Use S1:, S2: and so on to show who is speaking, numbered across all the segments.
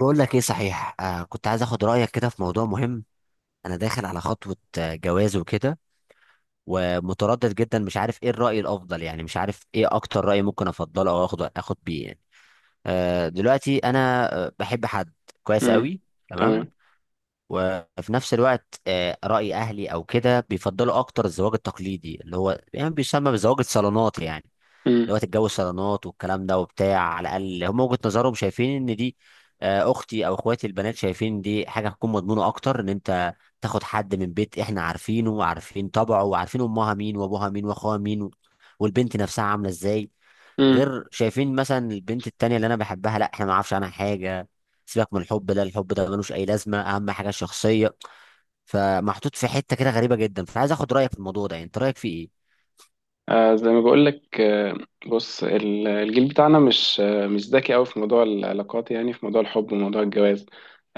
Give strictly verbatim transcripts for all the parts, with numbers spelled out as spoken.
S1: بقول لك ايه صحيح، آه كنت عايز اخد رايك كده في موضوع مهم. انا داخل على خطوه، آه، جواز وكده. ومتردد جدا، مش عارف ايه الراي الافضل، يعني مش عارف ايه اكتر راي ممكن افضله او اخد اخد بيه يعني. آه دلوقتي انا آه، بحب حد. كويس
S2: امم
S1: قوي. تمام.
S2: تمام
S1: وفي نفس الوقت آه راي اهلي او كده بيفضلوا اكتر الزواج التقليدي، اللي هو يعني بيسمى بزواج الصالونات يعني.
S2: امم
S1: اللي هو تتجوز صالونات والكلام ده وبتاع، على الاقل هم وجهة نظرهم شايفين ان دي، آه، اختي او اخواتي البنات شايفين دي حاجه هتكون مضمونه اكتر، ان انت تاخد حد من بيت احنا عارفينه وعارفين طبعه وعارفين امها مين وابوها مين واخوها مين و- والبنت نفسها عامله ازاي.
S2: امم
S1: غير شايفين مثلا البنت التانية اللي انا بحبها، لا احنا ما نعرفش عنها حاجه. سيبك من الحب ده، الحب ده ملوش اي لازمه، اهم حاجه الشخصيه. فمحطوط في حته كده غريبه جدا، فعايز اخد رايك في الموضوع ده، يعني انت رايك فيه ايه؟
S2: آه زي ما بقول لك. آه بص، ال- الجيل بتاعنا مش آه مش ذكي قوي في موضوع العلاقات، يعني في موضوع الحب وموضوع الجواز.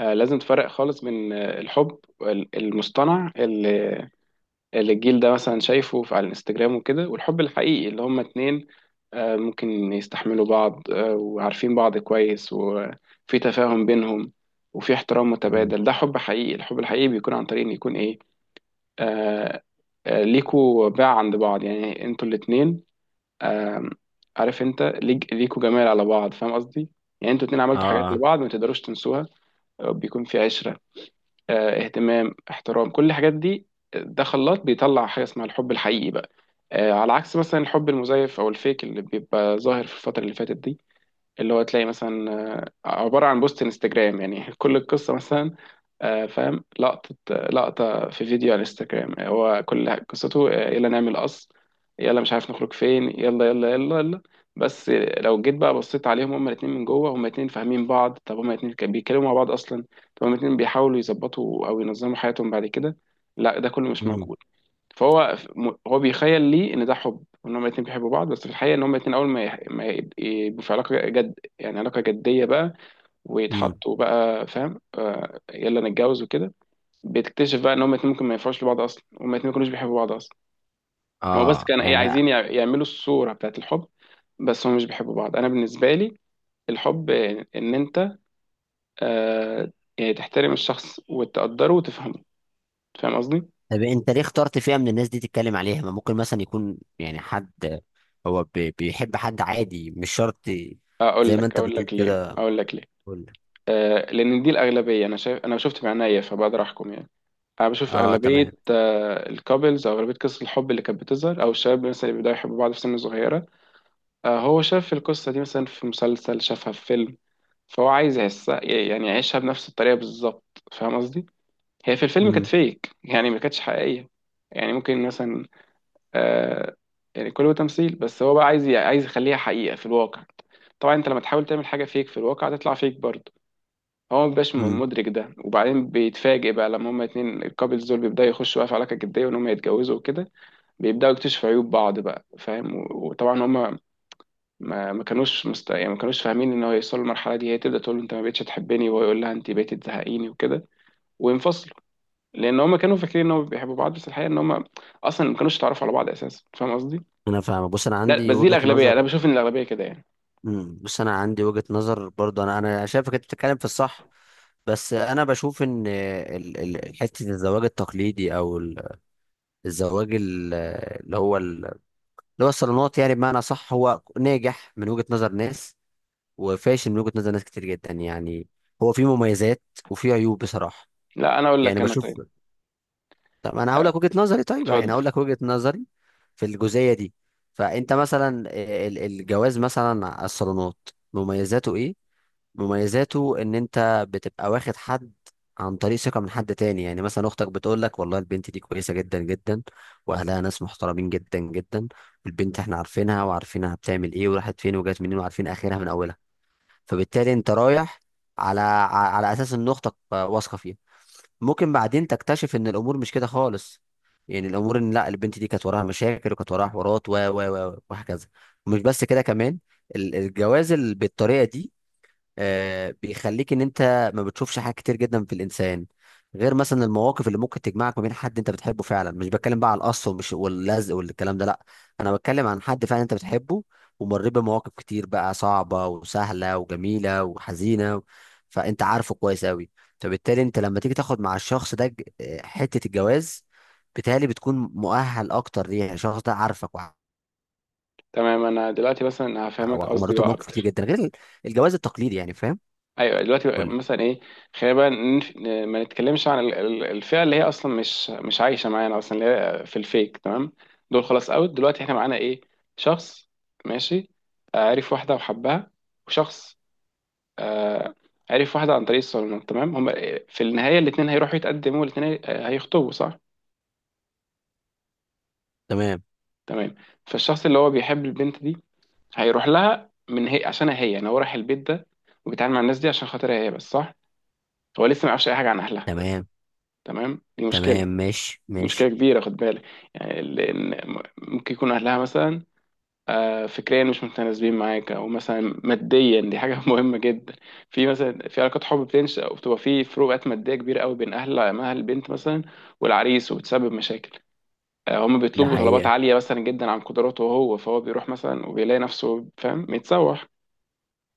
S2: آه، لازم تفرق خالص بين آه، الحب وال- المصطنع اللي اللي الجيل ده مثلا شايفه في- على الانستجرام وكده، والحب الحقيقي اللي هما اتنين آه ممكن يستحملوا بعض، آه وعارفين بعض كويس، وفي تفاهم بينهم وفي احترام
S1: مم.
S2: متبادل. ده حب حقيقي. الحب الحقيقي بيكون عن طريق ان يكون ايه، آه آه، ليكوا باع عند بعض، يعني انتوا الاتنين آه عارف انت ليك ليكوا جمال على بعض، فاهم قصدي؟ يعني انتوا الاتنين عملتوا حاجات
S1: اه، اه.
S2: لبعض ما تقدروش تنسوها. آه، بيكون في عشرة، آه اهتمام، احترام، كل الحاجات دي. آه، ده خلاط بيطلع حاجة اسمها الحب الحقيقي بقى. آه، على عكس مثلا الحب المزيف او الفيك اللي بيبقى ظاهر في الفترة اللي فاتت دي، اللي هو تلاقي مثلا آه، عبارة عن بوست انستجرام يعني كل القصة مثلا، آه، فاهم، لقطة لقطة في فيديو على انستجرام، هو كل ح- قصته آه، يلا نعمل قص، يلا مش عارف نخرج فين، يلا يلا يلا يلا. بس لو جيت بقى بصيت عليهم هما الاتنين من جوه، هما الاتنين فاهمين بعض؟ طب هما الاتنين كانوا بيتكلموا مع بعض اصلا؟ طب هما الاتنين بيحاولوا يظبطوا او ينظموا حياتهم بعد كده؟ لا، ده كله مش
S1: مم.
S2: موجود. فهو م- هو بيخيل لي ان ده حب وان هما الاتنين بيحبوا بعض، بس في الحقيقة ان هما الاتنين اول ما يح- ما يب- يبقوا في علاقة جد، يعني علاقة جدية بقى،
S1: مم.
S2: ويتحطوا بقى فاهم، آه، يلا نتجوز وكده، بتكتشف بقى ان هما الاتنين ممكن ما ينفعوش لبعض اصلا، هما الاتنين ما كانوش بيحبوا بعض اصلا. هو بس
S1: اه
S2: كان ايه،
S1: يعني.
S2: عايزين يع- يعملوا الصورة بتاعت الحب، بس هما مش بيحبوا بعض. انا بالنسبة لي الحب آه، ان انت آه يعني تحترم الشخص وتقدره وتفهمه، فاهم قصدي.
S1: طب انت ليه اخترت فئة من الناس دي تتكلم عليها؟ ما ممكن مثلا يكون يعني حد هو بي- بيحب حد عادي، مش شرط
S2: اقول
S1: زي ما
S2: لك
S1: انت
S2: اقول
S1: بتقول
S2: لك ليه،
S1: كده.
S2: اقول لك ليه.
S1: كل.
S2: آه، لان دي الاغلبية. انا شايف انا شفت بعينيا فبقدر احكم يعني. انا بشوف
S1: اه،
S2: اغلبية
S1: تمام.
S2: آه الكابلز، او اغلبية قصص الحب اللي كانت بتظهر، او الشباب مثلا اللي بيبداوا يحبوا بعض في سن صغيرة. آه هو شاف القصة دي مثلا في مسلسل، شافها في فيلم، فهو عايز يحسها، يعني يعيشها بنفس الطريقة بالظبط، فاهم قصدي؟ هي في الفيلم كانت
S1: امم.
S2: فيك، يعني ما كانتش حقيقية. يعني ممكن مثلا، آه، يعني كله تمثيل، بس هو بقى عايز عايز يخليها حقيقة في الواقع. طبعا انت لما تحاول تعمل حاجة فيك في الواقع هتطلع فيك برضه. هو ما بيبقاش
S1: امم.
S2: مدرك ده، وبعدين بيتفاجئ بقى لما هما اتنين الكابلز دول بيبدأوا يخشوا بقى في علاقة جدية وان هما يتجوزوا وكده، بيبدأوا يكتشفوا عيوب بعض بقى، فاهم، و- وطبعا هما ما ما كانوش مست، يعني ما كانوش فاهمين ان هو يوصل للمرحله دي. هي تبدا تقول له انت ما بقتش تحبني، وهو يقول لها انت بقيتي تزهقيني وكده، وينفصلوا، لان هم كانوا فاكرين ان هم بيحبوا بعض، بس الحقيقه ان هم اصلا ما كانوش يتعرفوا على بعض اساسا، فاهم قصدي.
S1: انا فاهم. بص، انا
S2: ده
S1: عندي
S2: بس، دي
S1: وجهة
S2: الاغلبيه، انا
S1: نظر.
S2: بشوف ان الاغلبيه كده يعني.
S1: امم بص، انا عندي وجهة نظر برضه، انا انا شايفك انت بتتكلم في الصح. بس انا بشوف ان ال- ال- حته الزواج التقليدي او ال- الزواج ال- اللي هو ال- اللي هو الصالونات، يعني بمعنى صح هو ناجح من وجهة نظر ناس، وفاشل من وجهة نظر ناس كتير جدا يعني. هو فيه مميزات، وفيه عيوب بصراحة.
S2: لا انا اقول
S1: يعني
S2: لك، انا
S1: بشوف.
S2: طيب.
S1: طب انا هقول
S2: آه،
S1: لك وجهة نظري، طيب يعني هقول
S2: اتفضل.
S1: لك وجهة نظري في الجزئية دي. فانت مثلا ال- الجواز مثلا على الصالونات، مميزاته ايه؟ مميزاته ان انت بتبقى واخد حد عن طريق ثقة من حد تاني، يعني مثلا اختك بتقول لك والله البنت دي كويسة جدا جدا، واهلها ناس محترمين جدا جدا، البنت احنا عارفينها، وعارفينها بتعمل ايه وراحت فين وجات منين وعارفين اخرها من اولها. فبالتالي انت رايح على على اساس ان اختك واثقه فيها. ممكن بعدين تكتشف ان الامور مش كده خالص، يعني الامور ان لا، البنت دي كانت وراها مشاكل وكانت وراها حوارات و و و وهكذا. ومش بس كده كمان، ال- الجواز ال- بالطريقه دي آه، بيخليك ان انت ما بتشوفش حاجات كتير جدا في الانسان، غير مثلا المواقف اللي ممكن تجمعك ما بين حد انت بتحبه فعلا، مش بتكلم بقى على القص ومش واللزق والكلام ده، لا. انا بتكلم عن حد فعلا انت بتحبه، ومر بمواقف كتير بقى صعبة وسهلة وجميلة وحزينة. فانت عارفه كويس قوي. فبالتالي انت لما تيجي تاخد مع الشخص ده ج- آه، حتة الجواز، بالتالي بتكون مؤهل اكتر ليه، يعني الشخص ده عارفك وع-
S2: تمام، انا دلوقتي مثلا هفهمك قصدي
S1: ومريته
S2: بقى
S1: بمواقف كتير
S2: اكتر.
S1: جدا غير ال- الجواز التقليدي يعني، فاهم؟
S2: ايوه دلوقتي
S1: قول لي.
S2: مثلا ايه. خلينا بقى نف- ن- ما نتكلمش عن ال- ال- الفئه اللي هي اصلا مش مش عايشه معانا اصلا، اللي هي في الفيك، تمام. دول خلاص اوت. دلوقتي احنا معانا ايه؟ شخص، ماشي، آه، عرف واحده وحبها، وشخص آه، عرف واحده عن طريق الصالونات، تمام. هم آه، في النهايه الاثنين هيروحوا يتقدموا، الاثنين هيخطبوا، صح؟
S1: تمام.
S2: تمام. فالشخص اللي هو بيحب البنت دي هيروح لها من هي، عشانها هي، يعني هو رايح البيت ده وبيتعامل مع الناس دي عشان خاطرها هي بس، صح؟ هو لسه ما يعرفش اي حاجه عن اهلها.
S1: تمام،
S2: تمام، دي مشكله،
S1: تمام. ماشي،
S2: دي مشكلة
S1: ماشي.
S2: كبيرة، خد بالك. يعني لأن م- ممكن يكون أهلها مثلا آه، فكريا مش متناسبين معاك، أو مثلا ماديا، دي حاجة مهمة جدا. في مثلا في علاقات حب بتنشأ وبتبقى في فروقات مادية كبيرة قوي بين أهل أهل البنت مثلا والعريس، وبتسبب مشاكل. آه، هم
S1: ده
S2: بيطلبوا طلبات
S1: حقيقة.
S2: عالية مثلا جدا عن قدراته هو، فهو بيروح مثلا وبيلاقي نفسه فاهم متسوح.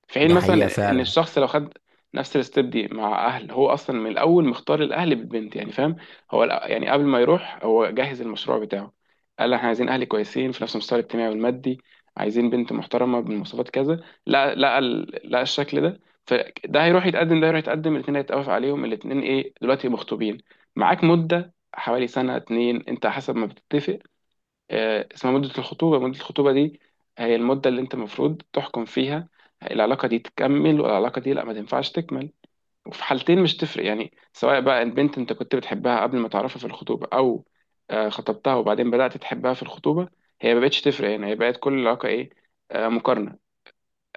S2: في حين
S1: ده حقيقة
S2: مثلا ان
S1: فعلا.
S2: الشخص لو خد نفس الستيب دي مع اهل، هو اصلا من الاول مختار الاهل بالبنت يعني، فاهم. هو الأ- يعني قبل ما يروح هو جهز المشروع بتاعه، قال احنا عايزين اهل كويسين في نفس المستوى الاجتماعي والمادي، عايزين بنت محترمه بمواصفات كذا، لا لا ال- لا الشكل ده. فده هيروح يتقدم، ده هيروح يتقدم، الاثنين هيتقف عليهم، الاثنين ايه دلوقتي، مخطوبين، معاك مده حوالي سنه اتنين، انت حسب ما بتتفق، آه، اسمها مدة الخطوبة. مدة الخطوبة دي هي المدة اللي انت المفروض تحكم فيها، العلاقة دي تكمل والعلاقة دي لا ما تنفعش تكمل. وفي حالتين مش تفرق، يعني سواء بقى البنت انت كنت بتحبها قبل ما تعرفها في الخطوبة، او آه، خطبتها وبعدين بدأت تحبها في الخطوبة، هي ما بقتش تفرق، يعني هي بقت كل علاقة ايه، آه، مقارنة،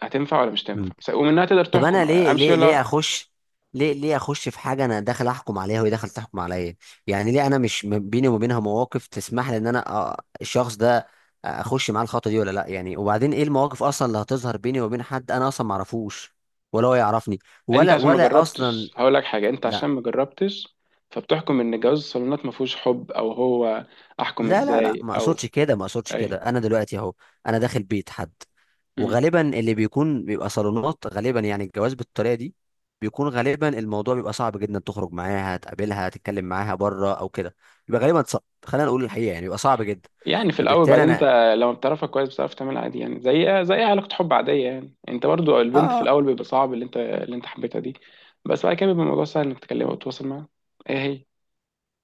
S2: هتنفع ولا مش
S1: مم.
S2: تنفع، س- ومنها تقدر
S1: طب
S2: تحكم
S1: انا ليه
S2: امشي
S1: ليه ليه
S2: ولا.
S1: اخش، ليه ليه اخش في حاجة، انا داخل احكم عليها وهي داخل تحكم عليا، يعني ليه انا مش م- بيني وما بينها مواقف تسمح لي ان انا أ- الشخص ده اخش معاه الخطوة دي ولا لا؟ يعني وبعدين ايه المواقف اصلا اللي هتظهر بيني وبين حد انا اصلا ما اعرفوش ولا هو يعرفني،
S2: انت
S1: ولا
S2: عشان ما
S1: ولا اصلا.
S2: جربتش هقول لك حاجة، انت عشان
S1: لا،
S2: ما جربتش فبتحكم ان جواز الصالونات ما فيهوش حب، او هو احكم
S1: لا، لا، لا،
S2: ازاي،
S1: ما
S2: او
S1: اقصدش كده، ما اقصدش كده،
S2: اي.
S1: انا دلوقتي اهو انا داخل بيت حد،
S2: مم.
S1: وغالبا اللي بيكون بيبقى صالونات غالبا، يعني الجواز بالطريقه دي بيكون غالبا الموضوع بيبقى صعب جدا تخرج معاها تقابلها تتكلم معاها بره او كده، بيبقى غالبا صعب، خلينا نقول الحقيقه، يعني بيبقى صعب جدا.
S2: يعني في الاول،
S1: فبالتالي
S2: بعدين انت
S1: انا.
S2: لما بتعرفها كويس بتعرف تعملها عادي، يعني زي زي أي علاقه حب عاديه يعني. انت برضو البنت في
S1: اه.
S2: الاول بيبقى صعب اللي انت اللي انت حبيتها دي، بس بعد كده بيبقى الموضوع سهل انك تكلمها وتتواصل معاها. هي هي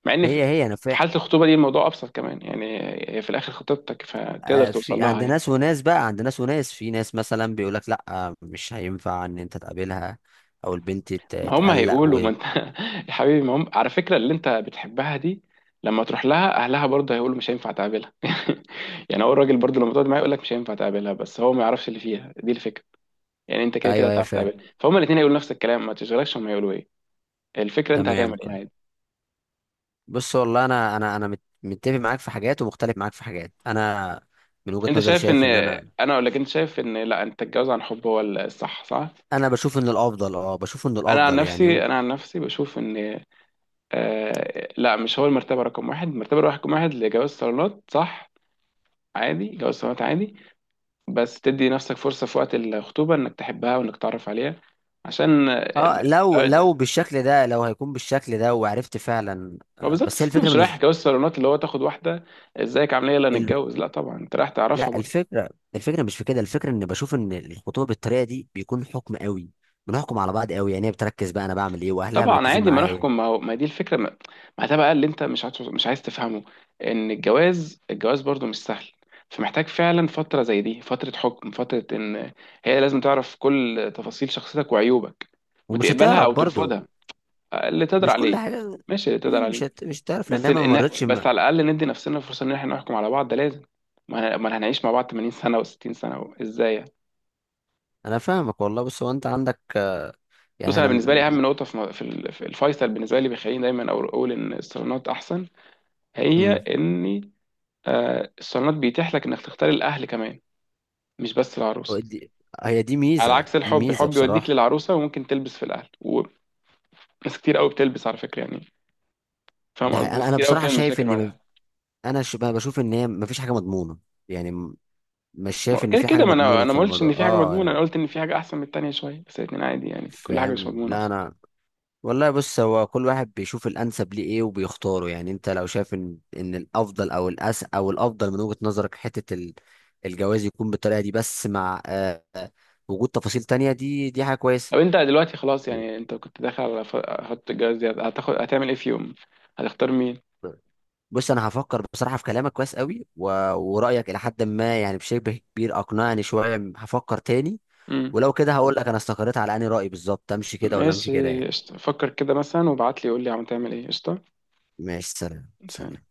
S2: مع ان في،
S1: هي هي انا
S2: في
S1: فا...
S2: حاله الخطوبه دي الموضوع ابسط كمان يعني، هي في الاخر خطيبتك فتقدر
S1: آه،
S2: توصل
S1: في
S2: لها
S1: عند
S2: يعني.
S1: ناس وناس بقى عند ناس وناس، في ناس مثلا بيقول لك لا آه، مش هينفع ان انت تقابلها، او البنت ت-
S2: ما هم
S1: تقلق
S2: هيقولوا،
S1: و...
S2: ما انت يا حبيبي، ما هم على فكره اللي انت بتحبها دي لما تروح لها اهلها برضه هيقولوا مش هينفع تقابلها يعني هو الراجل برضه لما تقعد معاه يقول لك مش هينفع تقابلها، بس هو ما يعرفش اللي فيها، دي الفكره. يعني انت كده كده
S1: ايوه، ايوه،
S2: هتعرف
S1: فاهم.
S2: تقابل، فهم الاثنين هيقولوا نفس الكلام، ما تشغلكش هم هيقولوا ايه. الفكره انت
S1: تمام.
S2: هتعمل ايه عادي.
S1: بص والله، انا انا انا مت- متفق معاك في حاجات، ومختلف معاك في حاجات، انا من وجهة
S2: انت
S1: نظري
S2: شايف ان،
S1: شايف ان انا
S2: انا اقول لك انت شايف ان لا، انت تتجوز عن حب هو الصح، صح؟
S1: انا بشوف ان الافضل، اه بشوف ان
S2: انا عن
S1: الافضل يعني
S2: نفسي
S1: و-
S2: انا عن نفسي بشوف ان آه، لا، مش هو المرتبه رقم واحد، المرتبه رقم واحد لجواز صالونات، صح. عادي، جواز صالونات عادي، بس تدي نفسك فرصه في وقت الخطوبه انك تحبها وانك تعرف عليها عشان ال-
S1: اه، لو لو بالشكل ده، لو هيكون بالشكل ده وعرفت فعلا
S2: ما
S1: آه
S2: بالظبط.
S1: بس هي
S2: أصل انت
S1: الفكره
S2: مش رايح
S1: بالنسبه
S2: جواز صالونات اللي هو تاخد واحده ازيك عامله ايه يلا
S1: ال...
S2: نتجوز، لا طبعا انت رايح تعرفها.
S1: لا الفكره، الفكره مش في كده، الفكره ان بشوف ان الخطوبه بالطريقه دي بيكون حكم قوي، بنحكم على بعض قوي، يعني هي بتركز بقى انا بعمل ايه واهلها
S2: طبعا
S1: مركزين
S2: عادي ما
S1: معايا.
S2: نحكم، ما هو ما دي الفكره، ما، ما ده بقى اللي انت مش عايز مش عايز تفهمه. ان الجواز الجواز برضو مش سهل، فمحتاج فعلا فتره زي دي، فتره حكم، فتره ان هي لازم تعرف كل تفاصيل شخصيتك وعيوبك،
S1: ومش
S2: وتقبلها
S1: هتعرف
S2: او
S1: برضه،
S2: ترفضها، اللي تقدر
S1: مش كل
S2: عليه.
S1: حاجه،
S2: ماشي اللي تقدر
S1: يعني مش
S2: عليه.
S1: هت... مش هتعرف
S2: بس
S1: لانها ما مرتش
S2: إن بس
S1: مع...
S2: على الاقل ندي نفسنا فرصه ان احنا نحكم على بعض، ده لازم. ما ما هنعيش مع بعض تمانين سنه و60 سنه و- ازاي يعني؟
S1: انا فاهمك والله، بس هو انت عندك،
S2: بص
S1: يعني
S2: انا
S1: انا
S2: بالنسبه
S1: م-
S2: لي اهم نقطه في م- في ال- في الفيصل بالنسبه لي بيخليني دايما أقول أقول ان الصالونات احسن، هي
S1: م-
S2: ان آه، الصالونات بيتيح لك انك تختار الاهل كمان، مش بس العروسه.
S1: دي- هي دي
S2: على
S1: ميزه،
S2: عكس
S1: دي
S2: الحب
S1: ميزه
S2: الحب يوديك
S1: بصراحه.
S2: للعروسه وممكن تلبس في الاهل، وناس كتير قوي بتلبس على فكره يعني. فاهم
S1: ده
S2: قصدي،
S1: حقيقي.
S2: ناس
S1: انا انا
S2: كتير قوي
S1: بصراحه
S2: بتعمل
S1: شايف
S2: مشاكل مع
S1: ان م-
S2: الاهل.
S1: انا ش- بقى بشوف ان هي مفيش حاجه مضمونه، يعني م- مش شايف
S2: ما،
S1: ان
S2: كده
S1: في
S2: كده،
S1: حاجه
S2: ما انا
S1: مضمونه
S2: انا
S1: في
S2: ما قلتش
S1: الموضوع،
S2: ان في حاجه
S1: اه
S2: مضمونه، انا
S1: يعني.
S2: قلت ان في حاجه احسن من التانيه شويه، بس الاتنين عادي يعني، كل حاجه مش
S1: فاهم.
S2: مضمونه
S1: لا
S2: اصلا.
S1: انا والله، بص هو كل واحد بيشوف الانسب ليه ايه وبيختاره، يعني انت لو شايف ان ان الافضل او الأس او الافضل من وجهه نظرك حته ال- الجواز يكون بالطريقه دي، بس مع آه، آه، وجود تفاصيل تانية، دي دي حاجه
S2: طب انت دلوقتي خلاص
S1: كويسه.
S2: يعني، انت كنت داخل على ف- خط الجواز دي، هتاخد، هتعمل ايه في يوم، هتختار مين.
S1: بص انا هفكر بصراحه في كلامك كويس قوي و... ورايك الى حد ما يعني بشبه كبير اقنعني شويه، هفكر تاني.
S2: امم.
S1: ولو كده هقول لك انا استقريت على اني، راي بالظبط امشي كده ولا امشي كده
S2: ماشي
S1: يعني.
S2: قشطة. فكر كده مثلا وابعت لي قول لي عم تعمل ايه. قشطه.
S1: ماشي، سلام،
S2: سلام.
S1: سلام.